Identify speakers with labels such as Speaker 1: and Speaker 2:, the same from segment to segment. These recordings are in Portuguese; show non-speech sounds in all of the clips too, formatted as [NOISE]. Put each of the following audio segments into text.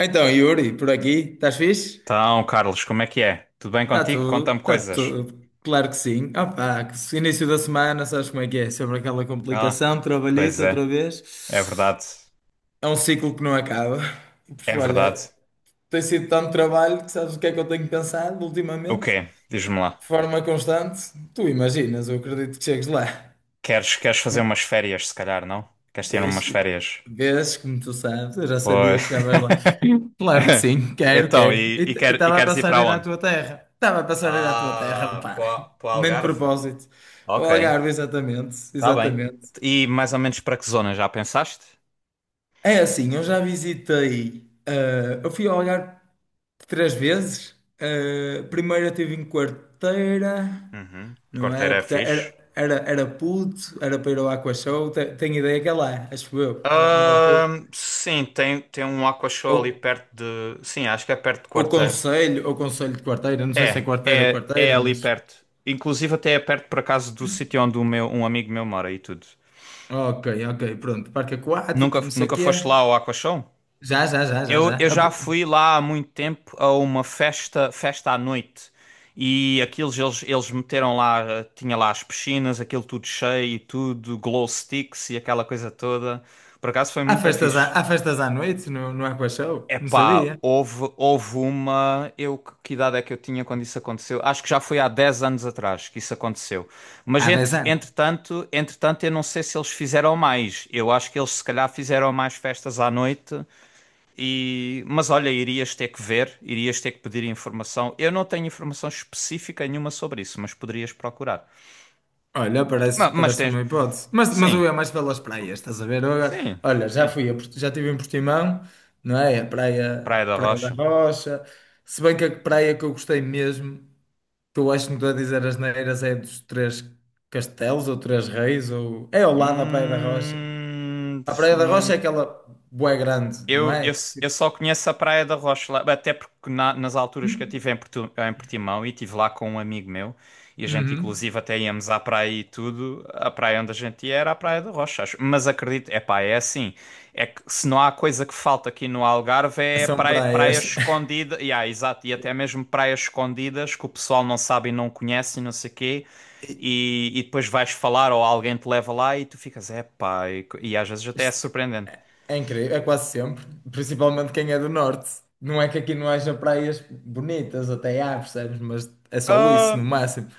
Speaker 1: Então, Yuri, por aqui, estás fixe?
Speaker 2: Então, Carlos, como é que é? Tudo bem contigo? Conta-me
Speaker 1: Está
Speaker 2: coisas.
Speaker 1: tudo, claro que sim. Opa, que se- início da semana, sabes como é que é? Sobre aquela
Speaker 2: Ah,
Speaker 1: complicação,
Speaker 2: pois
Speaker 1: trabalhito outra
Speaker 2: é,
Speaker 1: vez.
Speaker 2: é verdade,
Speaker 1: É um ciclo que não acaba. E,
Speaker 2: é verdade.
Speaker 1: olha, tem sido tanto trabalho que sabes o que é que eu tenho pensado
Speaker 2: O
Speaker 1: ultimamente,
Speaker 2: quê? Diz-me lá.
Speaker 1: de forma constante. Tu imaginas, eu acredito que chegues lá.
Speaker 2: Queres fazer umas férias, se calhar, não? Queres tirar
Speaker 1: Pois,
Speaker 2: umas férias?
Speaker 1: vês, como tu sabes, eu já sabia
Speaker 2: Pois.
Speaker 1: que chegavas lá. Claro que
Speaker 2: [LAUGHS]
Speaker 1: sim, quero,
Speaker 2: Então,
Speaker 1: quero.
Speaker 2: e,
Speaker 1: E
Speaker 2: e,
Speaker 1: t- e
Speaker 2: quer- e
Speaker 1: estava a
Speaker 2: queres ir
Speaker 1: passar em
Speaker 2: para
Speaker 1: ir à
Speaker 2: onde?
Speaker 1: tua terra. Estava a passar em ir à tua terra,
Speaker 2: Ah,
Speaker 1: pá.
Speaker 2: para o
Speaker 1: Nem de
Speaker 2: Algarve.
Speaker 1: propósito. O
Speaker 2: Ok,
Speaker 1: Algarve, exatamente,
Speaker 2: está bem.
Speaker 1: exatamente.
Speaker 2: E mais ou menos para que zona já pensaste?
Speaker 1: É assim, eu já visitei. Eu fui ao Algarve 3 vezes. Primeiro eu estive em Quarteira,
Speaker 2: Uhum.
Speaker 1: não é?
Speaker 2: Corteira é
Speaker 1: Porque
Speaker 2: fixe.
Speaker 1: era puto, era para ir ao Aqua Show. Tenho ideia que é lá, acho eu, na altura.
Speaker 2: Sim, tem um Aqua Show
Speaker 1: Ou,
Speaker 2: ali perto de. Sim, acho que é perto de
Speaker 1: ou
Speaker 2: Quarteira.
Speaker 1: Conselho, ou Conselho de Quarteira, não sei se é
Speaker 2: É,
Speaker 1: Quarteira ou
Speaker 2: é, é
Speaker 1: Quarteira,
Speaker 2: ali
Speaker 1: mas.
Speaker 2: perto. Inclusive até é perto por acaso do sítio onde um amigo meu mora e tudo.
Speaker 1: Ok, ok, pronto. Parque aquático,
Speaker 2: Nunca,
Speaker 1: não sei o
Speaker 2: nunca foste lá
Speaker 1: quê.
Speaker 2: ao Aqua Show?
Speaker 1: Já, já, já, já,
Speaker 2: Eu,
Speaker 1: já.
Speaker 2: eu
Speaker 1: Há
Speaker 2: já
Speaker 1: pro-
Speaker 2: fui lá há muito tempo a uma festa, festa à noite. E aquilo eles meteram lá, tinha lá as piscinas, aquilo tudo cheio e tudo, glow sticks e aquela coisa toda. Por acaso foi
Speaker 1: há
Speaker 2: muito
Speaker 1: festas à,
Speaker 2: fixe.
Speaker 1: há festas à noite no Aqua Show? Não
Speaker 2: Epá,
Speaker 1: sabia.
Speaker 2: houve uma. Que idade é que eu tinha quando isso aconteceu? Acho que já foi há 10 anos atrás que isso aconteceu. Mas
Speaker 1: Há
Speaker 2: entre,
Speaker 1: 10 anos.
Speaker 2: entretanto, entretanto, eu não sei se eles fizeram mais. Eu acho que eles se calhar fizeram mais festas à noite. Mas olha, irias ter que ver, irias ter que pedir informação. Eu não tenho informação específica nenhuma sobre isso, mas poderias procurar.
Speaker 1: Olha, parece,
Speaker 2: Mas,
Speaker 1: parece
Speaker 2: tens.
Speaker 1: uma hipótese. Mas eu
Speaker 2: Sim,
Speaker 1: ia mais pelas praias, estás a ver? Eu agora,
Speaker 2: sim,
Speaker 1: olha, já
Speaker 2: sim.
Speaker 1: fui, já estive em Portimão, não é? A
Speaker 2: Praia
Speaker 1: praia,
Speaker 2: da
Speaker 1: Praia da
Speaker 2: Rocha.
Speaker 1: Rocha. Se bem que a praia que eu gostei mesmo, que eu acho que não estou a dizer as neiras, é dos Três Castelos ou Três Reis, ou é ao lado da Praia da Rocha.
Speaker 2: Hum,
Speaker 1: A Praia da Rocha
Speaker 2: não.
Speaker 1: é aquela bué grande, não
Speaker 2: Eu,
Speaker 1: é?
Speaker 2: eu, eu só conheço a Praia da Rocha, lá, até porque nas alturas que eu
Speaker 1: Hum?
Speaker 2: estive em, em Portimão e estive lá com um amigo meu, e a gente
Speaker 1: Uhum.
Speaker 2: inclusive até íamos à praia e tudo, a praia onde a gente ia era a Praia da Rocha, acho. Mas acredito, é pá, é assim, é que se não há coisa que falta aqui no Algarve é
Speaker 1: São
Speaker 2: praia, praia
Speaker 1: praias. [LAUGHS]
Speaker 2: escondida, e há, exato, e até mesmo praias escondidas que o pessoal não sabe e não conhece e não sei quê,
Speaker 1: E-
Speaker 2: e depois vais falar ou alguém te leva lá e tu ficas, é pá, e às vezes até é
Speaker 1: isto
Speaker 2: surpreendente.
Speaker 1: é incrível, é quase sempre. Principalmente quem é do norte. Não é que aqui não haja praias bonitas, até há, percebes? Mas é só isso, no
Speaker 2: Ah,
Speaker 1: máximo.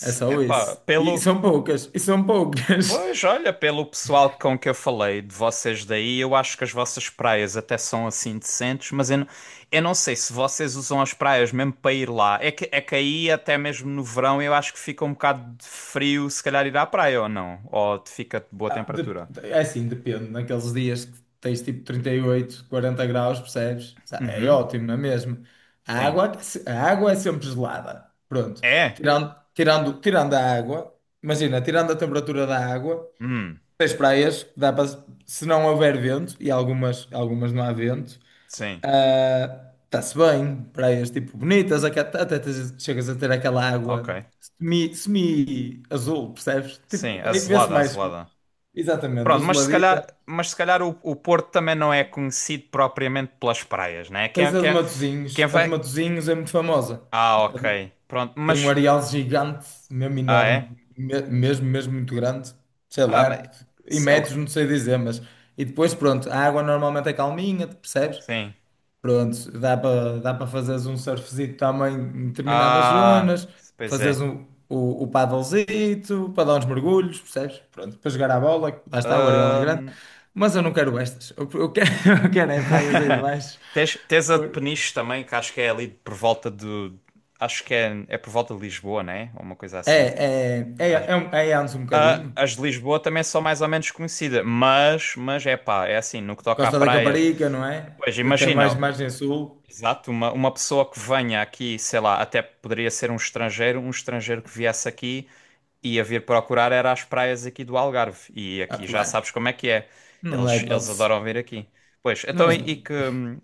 Speaker 1: É só
Speaker 2: Epá,
Speaker 1: isso. E
Speaker 2: pelo.
Speaker 1: são poucas, e são poucas.
Speaker 2: Pois,
Speaker 1: [LAUGHS]
Speaker 2: olha, pelo pessoal com que eu falei de vocês daí, eu acho que as vossas praias até são assim decentes, mas eu não sei se vocês usam as praias mesmo para ir lá. É que aí, até mesmo no verão, eu acho que fica um bocado de frio se calhar ir à praia ou não. Ou te fica de boa
Speaker 1: Ah,
Speaker 2: temperatura.
Speaker 1: é assim, depende. Naqueles dias que tens tipo 38, 40 graus, percebes? É
Speaker 2: Uhum,
Speaker 1: ótimo, não é mesmo? A
Speaker 2: sim.
Speaker 1: água, aquece- a água é sempre gelada. Pronto.
Speaker 2: É?
Speaker 1: Tirando a água, imagina, tirando a temperatura da água,
Speaker 2: Hum,
Speaker 1: tens praias, que dá para, se não houver vento, e algumas não há vento,
Speaker 2: sim.
Speaker 1: ah, está-se bem. Praias tipo bonitas, até chegas a ter aquela
Speaker 2: Ok.
Speaker 1: água semi-azul, percebes?
Speaker 2: Sim,
Speaker 1: Tipo, aí vê-se
Speaker 2: azelada,
Speaker 1: mais.
Speaker 2: azelada.
Speaker 1: Exatamente,
Speaker 2: Pronto, mas se calhar,
Speaker 1: azuladita.
Speaker 2: mas se calhar o Porto também não é conhecido propriamente pelas praias, né?
Speaker 1: Tens
Speaker 2: Quem,
Speaker 1: a de
Speaker 2: quem, quem
Speaker 1: Matosinhos. A de
Speaker 2: vai.
Speaker 1: Matosinhos é muito famosa.
Speaker 2: Ah,
Speaker 1: A
Speaker 2: ok.
Speaker 1: de-
Speaker 2: Pronto,
Speaker 1: Tem um
Speaker 2: mas.
Speaker 1: areal gigante, mesmo
Speaker 2: Ah,
Speaker 1: enorme,
Speaker 2: é?
Speaker 1: mesmo muito grande. Sei
Speaker 2: Ah, mas.
Speaker 1: lá, em
Speaker 2: Sei lá.
Speaker 1: metros, não sei dizer, mas. E depois, pronto, a água normalmente é calminha, percebes?
Speaker 2: Sim.
Speaker 1: Pronto, dá para fazeres um surfzito também em determinadas
Speaker 2: Ah,
Speaker 1: zonas,
Speaker 2: pois
Speaker 1: fazeres
Speaker 2: é.
Speaker 1: o paddlezito para dar uns mergulhos, percebes? Pronto, para jogar à bola, que lá está, o areal é grande, mas eu não quero estas, eu quero, [LAUGHS] eu quero é praias aí de
Speaker 2: [LAUGHS]
Speaker 1: baixo.
Speaker 2: Tens a de
Speaker 1: Por-
Speaker 2: Peniche também, que acho que é ali por volta do. Acho que é por volta de Lisboa, né? Ou uma coisa
Speaker 1: É,
Speaker 2: assim.
Speaker 1: é, é,
Speaker 2: Acho-
Speaker 1: é, um- é antes um
Speaker 2: Ah,
Speaker 1: bocadinho,
Speaker 2: as de Lisboa também são mais ou menos conhecidas, mas é pá, é assim, no que toca a
Speaker 1: Costa da
Speaker 2: praias.
Speaker 1: Caparica, não é?
Speaker 2: Pois
Speaker 1: Até mais
Speaker 2: imagina,
Speaker 1: margem sul,
Speaker 2: exato, uma pessoa que venha aqui, sei lá, até poderia ser um estrangeiro, que viesse aqui e ia vir procurar era as praias aqui do Algarve. E
Speaker 1: ah,
Speaker 2: aqui já
Speaker 1: claro,
Speaker 2: sabes como é que é.
Speaker 1: não dá
Speaker 2: Eles
Speaker 1: hipótese,
Speaker 2: adoram vir aqui. Pois, então
Speaker 1: mas
Speaker 2: e que.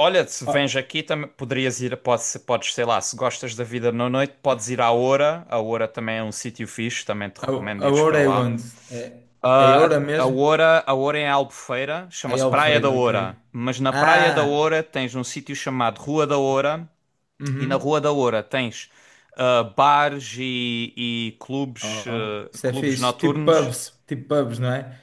Speaker 2: Olha, se
Speaker 1: a,
Speaker 2: vens aqui também poderias ir, podes, sei lá, se gostas da vida na noite, podes ir à Oura. A Oura também é um sítio fixe, também te recomendo
Speaker 1: a
Speaker 2: ires
Speaker 1: Oura
Speaker 2: para
Speaker 1: é
Speaker 2: lá.
Speaker 1: onde? É, é
Speaker 2: Ah,
Speaker 1: Oura
Speaker 2: a, a
Speaker 1: mesmo?
Speaker 2: Oura, a Oura é em Albufeira,
Speaker 1: Aí é
Speaker 2: chama-se Praia da
Speaker 1: Albufeira,
Speaker 2: Oura.
Speaker 1: ok.
Speaker 2: Mas na Praia da
Speaker 1: Ah,
Speaker 2: Oura tens um sítio chamado Rua da Oura e na
Speaker 1: uhum.
Speaker 2: Rua da Oura tens bares e clubes,
Speaker 1: Oh, isso é
Speaker 2: clubes
Speaker 1: fixe.
Speaker 2: noturnos.
Speaker 1: Tipo pubs, não é?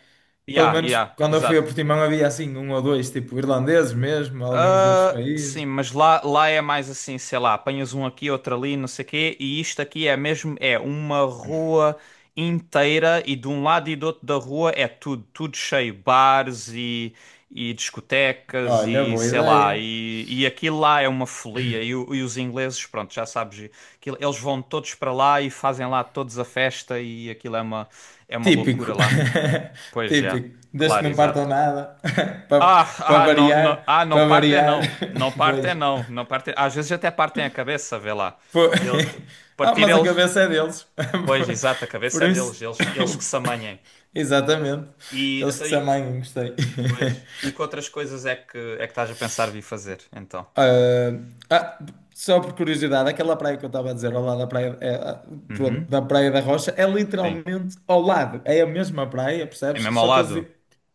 Speaker 1: Pelo
Speaker 2: Ya, yeah, ya,
Speaker 1: menos
Speaker 2: yeah,
Speaker 1: quando eu fui a
Speaker 2: exato.
Speaker 1: Portimão havia assim um ou dois, tipo irlandeses mesmo, alguns de outros
Speaker 2: Ah, sim,
Speaker 1: países.
Speaker 2: mas lá é mais assim, sei lá, apanhas um aqui, outro ali, não sei o quê, e isto aqui é mesmo, é uma rua inteira e de um lado e do outro da rua é tudo, cheio, bares e discotecas
Speaker 1: Olha,
Speaker 2: e
Speaker 1: boa
Speaker 2: sei lá,
Speaker 1: ideia.
Speaker 2: e aquilo lá é uma folia e, e os ingleses, pronto, já sabes, eles vão todos para lá e fazem lá todos a festa e aquilo é uma loucura
Speaker 1: Típico,
Speaker 2: lá.
Speaker 1: [LAUGHS]
Speaker 2: Pois já,
Speaker 1: típico. Desde que
Speaker 2: claro,
Speaker 1: não
Speaker 2: exato.
Speaker 1: partam nada, [LAUGHS] para
Speaker 2: Ah,
Speaker 1: para
Speaker 2: ah, não, não,
Speaker 1: variar,
Speaker 2: ah, não
Speaker 1: para
Speaker 2: partem
Speaker 1: variar.
Speaker 2: não. Não
Speaker 1: [LAUGHS]
Speaker 2: partem
Speaker 1: Pois.
Speaker 2: não. Não partem. Às vezes até partem a cabeça, vê lá.
Speaker 1: Po-
Speaker 2: Ele-
Speaker 1: [LAUGHS] Ah,
Speaker 2: partir
Speaker 1: mas a
Speaker 2: eles.
Speaker 1: cabeça é deles.
Speaker 2: Pois, exato, a
Speaker 1: [LAUGHS] Por
Speaker 2: cabeça é
Speaker 1: isso.
Speaker 2: deles. Eles que se amanhem.
Speaker 1: [COUGHS] Exatamente.
Speaker 2: E
Speaker 1: Eles
Speaker 2: até
Speaker 1: que se
Speaker 2: aí.
Speaker 1: amanhã, gostei.
Speaker 2: Pois.
Speaker 1: [LAUGHS]
Speaker 2: E que outras coisas é que estás a pensar vir fazer, então?
Speaker 1: Ah, ah, só por curiosidade, aquela praia que eu estava a dizer, ao lado da praia, é, ah, pronto,
Speaker 2: Uhum.
Speaker 1: da Praia da Rocha, é
Speaker 2: Sim.
Speaker 1: literalmente ao lado, é a mesma praia,
Speaker 2: É
Speaker 1: percebes?
Speaker 2: mesmo ao
Speaker 1: Só que eles,
Speaker 2: lado?
Speaker 1: di-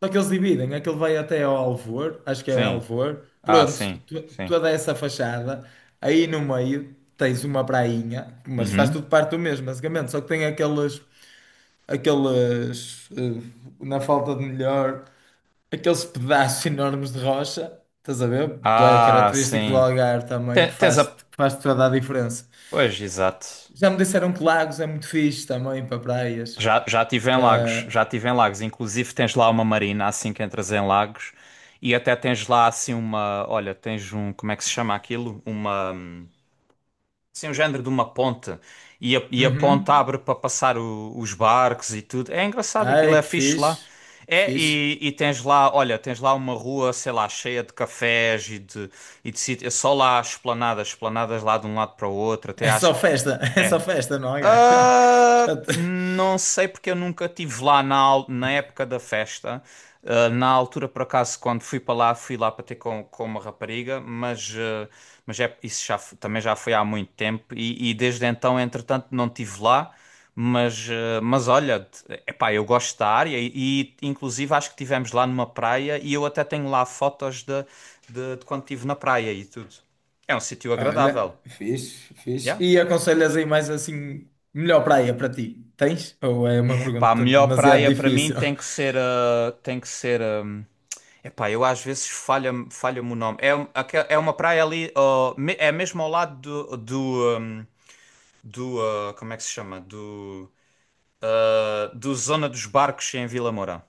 Speaker 1: só que eles dividem, aquele vai até ao Alvor, acho que é
Speaker 2: Sim.
Speaker 1: Alvor,
Speaker 2: Ah,
Speaker 1: pronto,
Speaker 2: sim. Sim.
Speaker 1: toda essa fachada, aí no meio tens uma prainha, mas faz
Speaker 2: Uhum.
Speaker 1: tudo parte do mesmo, basicamente, só que tem aqueles, na falta de melhor aqueles pedaços enormes de rocha, estás a ver? Bué
Speaker 2: Ah,
Speaker 1: característico do
Speaker 2: sim.
Speaker 1: Algarve também, que
Speaker 2: Tens
Speaker 1: faz,
Speaker 2: a.
Speaker 1: que faz toda a diferença.
Speaker 2: Pois, exato.
Speaker 1: Já me disseram que Lagos é muito fixe também para praias.
Speaker 2: Já, já estive em Lagos,
Speaker 1: Eh,
Speaker 2: já estive em Lagos. Inclusive tens lá uma marina assim que entras em Lagos e até tens lá assim uma, olha, tens um, como é que se chama aquilo? Uma, assim um género de uma ponte e e a ponte
Speaker 1: uhum.
Speaker 2: abre para passar os barcos e tudo. É engraçado aquilo,
Speaker 1: Ai,
Speaker 2: é
Speaker 1: que
Speaker 2: fixe lá.
Speaker 1: fixe, que
Speaker 2: É,
Speaker 1: fixe.
Speaker 2: e tens lá, olha, tens lá uma rua, sei lá, cheia de cafés e de, sítios, é só lá esplanadas, esplanadas lá de um lado para o outro, até
Speaker 1: É
Speaker 2: acho
Speaker 1: só
Speaker 2: que.
Speaker 1: festa, [LAUGHS] é só
Speaker 2: É,
Speaker 1: festa não, Algarve. [LAUGHS] Já te-
Speaker 2: não sei porque eu nunca tive lá na época da festa. Ah, na altura, por acaso, quando fui para lá, fui lá para ter com, uma rapariga, mas é, isso já, também já foi há muito tempo e desde então, entretanto, não tive lá. Mas olha, epá, eu gosto da área e, inclusive acho que tivemos lá numa praia e eu até tenho lá fotos de quando estive na praia e tudo. É um sítio agradável.
Speaker 1: Olha, fixe,
Speaker 2: Yeah.
Speaker 1: fixe. E aconselhas aí mais assim, melhor praia para ti? Tens? Ou é uma
Speaker 2: É pá, a
Speaker 1: pergunta
Speaker 2: melhor
Speaker 1: demasiado
Speaker 2: praia para mim
Speaker 1: difícil?
Speaker 2: tem que ser a. Tem que ser a. É pá, eu às vezes falha-me o nome. É uma praia ali, ó, é mesmo ao lado do. Como é que se chama? Do. Do Zona dos Barcos em Vila Moura.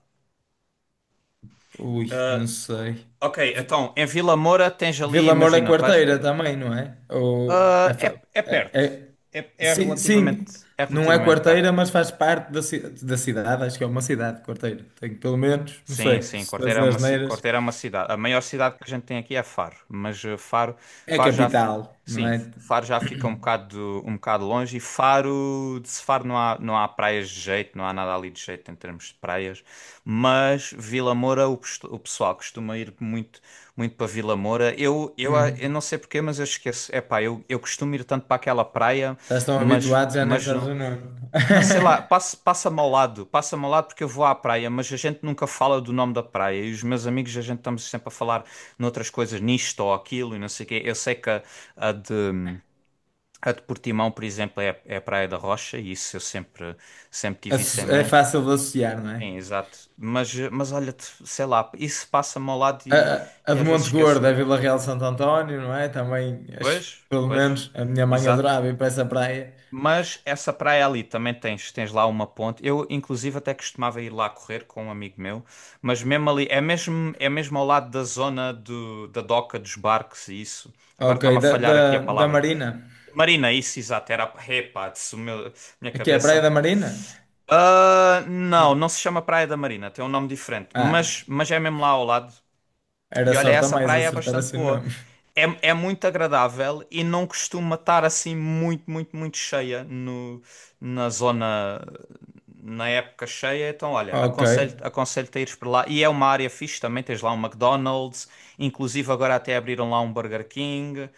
Speaker 1: Ui, não
Speaker 2: Ah,
Speaker 1: sei.
Speaker 2: ok, então, em Vila Moura tens ali,
Speaker 1: Vila Moura é
Speaker 2: imagina, vais.
Speaker 1: quarteira também, não é? Ou
Speaker 2: Ah,
Speaker 1: é
Speaker 2: é,
Speaker 1: fa-
Speaker 2: é
Speaker 1: é-
Speaker 2: perto.
Speaker 1: é-
Speaker 2: É
Speaker 1: sim,
Speaker 2: relativamente,
Speaker 1: sim,
Speaker 2: é
Speaker 1: não é
Speaker 2: relativamente perto.
Speaker 1: quarteira, mas faz parte da cidade, acho que é uma cidade quarteira. Tenho pelo menos, não
Speaker 2: Sim,
Speaker 1: sei,
Speaker 2: sim,
Speaker 1: se as asneiras.
Speaker 2: Corteira é uma cidade. A maior cidade que a gente tem aqui é Faro, mas Faro,
Speaker 1: É
Speaker 2: Faro já, f-
Speaker 1: capital, não
Speaker 2: sim,
Speaker 1: é?
Speaker 2: Faro já fica um bocado longe de Faro não há praias de jeito, não há nada ali de jeito em termos de praias, mas Vila Moura, o pessoal costuma ir muito, muito para Vila Moura. Eu
Speaker 1: Hum,
Speaker 2: não sei porquê, mas eu esqueço. Epá, eu costumo ir tanto para aquela praia,
Speaker 1: estás tão
Speaker 2: mas,
Speaker 1: habituado, já nem
Speaker 2: mas
Speaker 1: sabes
Speaker 2: não.
Speaker 1: o nome.
Speaker 2: Não sei lá,
Speaker 1: [LAUGHS]
Speaker 2: passa-me ao lado, passa-me ao lado porque eu vou à praia, mas a gente nunca fala do nome da praia e os meus amigos a gente estamos sempre a falar noutras coisas, nisto ou aquilo e não sei o quê. Eu sei que a de, a de Portimão, por exemplo, é a Praia da Rocha e isso eu sempre, sempre tive isso em
Speaker 1: É
Speaker 2: mente.
Speaker 1: fácil de associar, não é?
Speaker 2: Sim, exato. Mas olha, sei lá, isso passa-me ao lado
Speaker 1: A,
Speaker 2: e,
Speaker 1: a
Speaker 2: e
Speaker 1: de
Speaker 2: às vezes
Speaker 1: Monte Gordo
Speaker 2: esqueço-me.
Speaker 1: é Vila Real de Santo António, não é? Também, acho,
Speaker 2: Pois,
Speaker 1: pelo
Speaker 2: pois,
Speaker 1: menos, a minha mãe
Speaker 2: exato.
Speaker 1: adorava ir para essa praia.
Speaker 2: Mas essa praia ali também tens lá uma ponte. Eu, inclusive, até costumava ir lá correr com um amigo meu, mas mesmo ali, é mesmo ao lado da zona da doca dos barcos e isso. Agora
Speaker 1: Ok,
Speaker 2: está-me a
Speaker 1: da,
Speaker 2: falhar aqui a
Speaker 1: da, da
Speaker 2: palavra.
Speaker 1: Marina.
Speaker 2: Marina, isso, exato, era. Epá, isso, meu, minha
Speaker 1: Aqui é a Praia
Speaker 2: cabeça.
Speaker 1: da Marina?
Speaker 2: Ah, não,
Speaker 1: Ah,
Speaker 2: não se chama Praia da Marina, tem um nome diferente,
Speaker 1: ah,
Speaker 2: mas é mesmo lá ao lado. E
Speaker 1: era
Speaker 2: olha,
Speaker 1: sorte a
Speaker 2: essa
Speaker 1: mais
Speaker 2: praia é
Speaker 1: acertar
Speaker 2: bastante
Speaker 1: assim o
Speaker 2: boa.
Speaker 1: nome. [LAUGHS]
Speaker 2: É muito agradável e não costuma estar assim muito, muito, muito cheia no, na zona, na época cheia. Então, olha,
Speaker 1: Ok.
Speaker 2: aconselho-te a ires para lá. E é uma área fixe também, tens lá um McDonald's, inclusive agora até abriram lá um Burger King.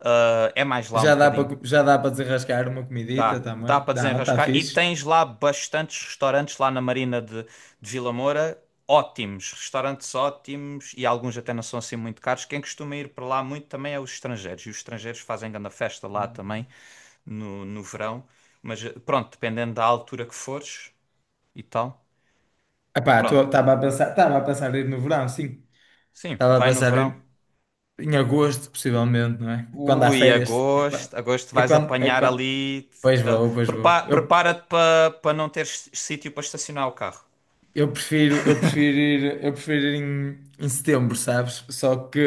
Speaker 2: Ah, é mais lá um
Speaker 1: Já dá
Speaker 2: bocadinho.
Speaker 1: para já dá para desenrascar uma comidita
Speaker 2: Dá
Speaker 1: também?
Speaker 2: para
Speaker 1: Dá, está
Speaker 2: desenrascar. E
Speaker 1: fixe.
Speaker 2: tens lá bastantes restaurantes lá na Marina de Vila Moura. Restaurantes ótimos e alguns até não são assim muito caros. Quem costuma ir para lá muito também é os estrangeiros. E os estrangeiros fazem grande festa lá também no verão. Mas pronto, dependendo da altura que fores e tal.
Speaker 1: Epá,
Speaker 2: Pronto,
Speaker 1: estava a pensar em ir no verão, sim.
Speaker 2: sim,
Speaker 1: Estava a
Speaker 2: vai no
Speaker 1: pensar
Speaker 2: verão.
Speaker 1: em, agosto, possivelmente, não é? Quando há
Speaker 2: Ui,
Speaker 1: férias. É quando,
Speaker 2: agosto, agosto
Speaker 1: é
Speaker 2: vais
Speaker 1: quando, é
Speaker 2: apanhar
Speaker 1: quando.
Speaker 2: ali.
Speaker 1: Pois vou, pois vou. Eu,
Speaker 2: Prepara-te para não teres sítio para estacionar o carro.
Speaker 1: eu prefiro, eu prefiro ir, eu prefiro ir em setembro, sabes? Só que,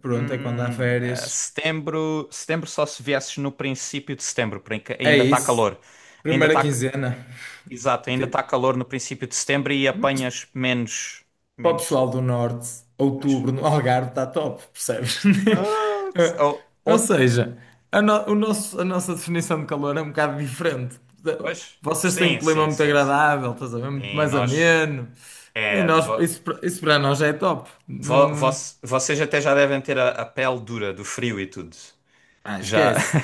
Speaker 1: pronto, é quando há férias.
Speaker 2: Setembro só se viesses no princípio de setembro, porque
Speaker 1: É
Speaker 2: ainda está
Speaker 1: isso.
Speaker 2: calor. Ainda
Speaker 1: Primeira
Speaker 2: está,
Speaker 1: quinzena,
Speaker 2: exato, ainda está
Speaker 1: tipo,
Speaker 2: calor no princípio de setembro e
Speaker 1: mas
Speaker 2: apanhas menos,
Speaker 1: para o
Speaker 2: menos.
Speaker 1: pessoal do Norte,
Speaker 2: Mas,
Speaker 1: outubro no Algarve está top, percebes? [LAUGHS]
Speaker 2: ah, se-
Speaker 1: Eh,
Speaker 2: ou,
Speaker 1: Ou
Speaker 2: outro,
Speaker 1: seja, a, no- o nosso, a nossa definição de calor é um bocado diferente.
Speaker 2: Pois,
Speaker 1: Vocês têm um
Speaker 2: sim,
Speaker 1: clima
Speaker 2: sim,
Speaker 1: muito
Speaker 2: sim, sim.
Speaker 1: agradável, estás a ver? Muito
Speaker 2: E
Speaker 1: mais
Speaker 2: nós,
Speaker 1: ameno. E
Speaker 2: é, vo,
Speaker 1: nós, isso para nós já é top.
Speaker 2: vo-
Speaker 1: Não,
Speaker 2: voc- Vocês até já devem ter a pele dura do frio e tudo.
Speaker 1: ah,
Speaker 2: Já,
Speaker 1: esquece.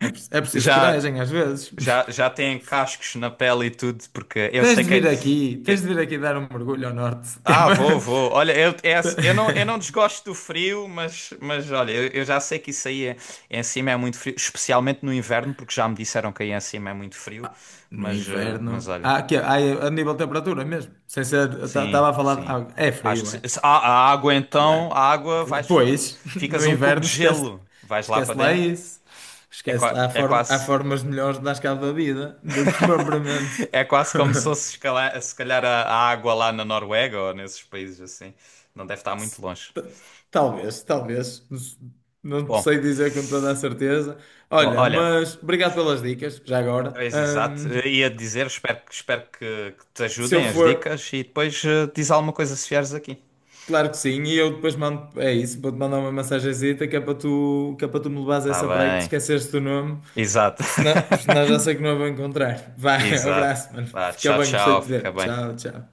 Speaker 1: É, é preciso
Speaker 2: já,
Speaker 1: coragem às vezes.
Speaker 2: já,
Speaker 1: [LAUGHS]
Speaker 2: já têm cascos na pele e tudo, porque eu
Speaker 1: Tens
Speaker 2: sei
Speaker 1: de
Speaker 2: que
Speaker 1: vir
Speaker 2: é.
Speaker 1: aqui, tens
Speaker 2: Eu,
Speaker 1: de vir aqui dar um mergulho ao Norte.
Speaker 2: Ah, vou. Olha, assim, eu não, eu
Speaker 1: Para-
Speaker 2: não
Speaker 1: [LAUGHS]
Speaker 2: desgosto do frio, mas olha, eu já sei que isso aí em cima é muito frio, especialmente no inverno, porque já me disseram que aí em cima é muito frio.
Speaker 1: No
Speaker 2: Mas, eh,
Speaker 1: inverno.
Speaker 2: mas olha,
Speaker 1: Ah, é a nível de temperatura mesmo. Sem ser.
Speaker 2: sim,
Speaker 1: Estava a falar. de
Speaker 2: sim.
Speaker 1: algo- é
Speaker 2: Acho que
Speaker 1: frio,
Speaker 2: sim.
Speaker 1: é?
Speaker 2: A água
Speaker 1: Claro.
Speaker 2: então, a água vais,
Speaker 1: Pois, [LAUGHS]
Speaker 2: ficas
Speaker 1: no
Speaker 2: um cubo
Speaker 1: inverno
Speaker 2: de
Speaker 1: esquece,
Speaker 2: gelo, vais lá para
Speaker 1: esquece lá
Speaker 2: dentro.
Speaker 1: isso.
Speaker 2: É,
Speaker 1: Esquece lá. Há,
Speaker 2: é
Speaker 1: form, há
Speaker 2: quase,
Speaker 1: formas melhores de dar cabo da vida do que propriamente.
Speaker 2: [LAUGHS] é
Speaker 1: [LAUGHS]
Speaker 2: quase como se fosse se calhar a água lá na Noruega ou nesses países assim. Não deve estar muito longe.
Speaker 1: T- Talvez, talvez. Não
Speaker 2: Bom,
Speaker 1: sei dizer com toda a certeza. Olha,
Speaker 2: olha.
Speaker 1: mas obrigado pelas dicas, já agora.
Speaker 2: Pois, exato. Eu
Speaker 1: Ahm,
Speaker 2: ia dizer, espero que te
Speaker 1: se eu
Speaker 2: ajudem as
Speaker 1: for.
Speaker 2: dicas e depois diz alguma coisa se vieres aqui.
Speaker 1: Claro que sim, e eu depois mando, é isso, vou-te mandar uma mensagenzita que é para tu me levares a
Speaker 2: Tá
Speaker 1: essa praia que te
Speaker 2: bem.
Speaker 1: esqueceste do nome,
Speaker 2: Exato.
Speaker 1: porque senão, porque
Speaker 2: [LAUGHS]
Speaker 1: senão já sei que não a vou encontrar. Vai, [LAUGHS]
Speaker 2: Exato.
Speaker 1: abraço, mano.
Speaker 2: Vá,
Speaker 1: Fica
Speaker 2: tchau,
Speaker 1: bem, gostei
Speaker 2: tchau.
Speaker 1: de te
Speaker 2: Fica
Speaker 1: ver.
Speaker 2: bem.
Speaker 1: Tchau, tchau.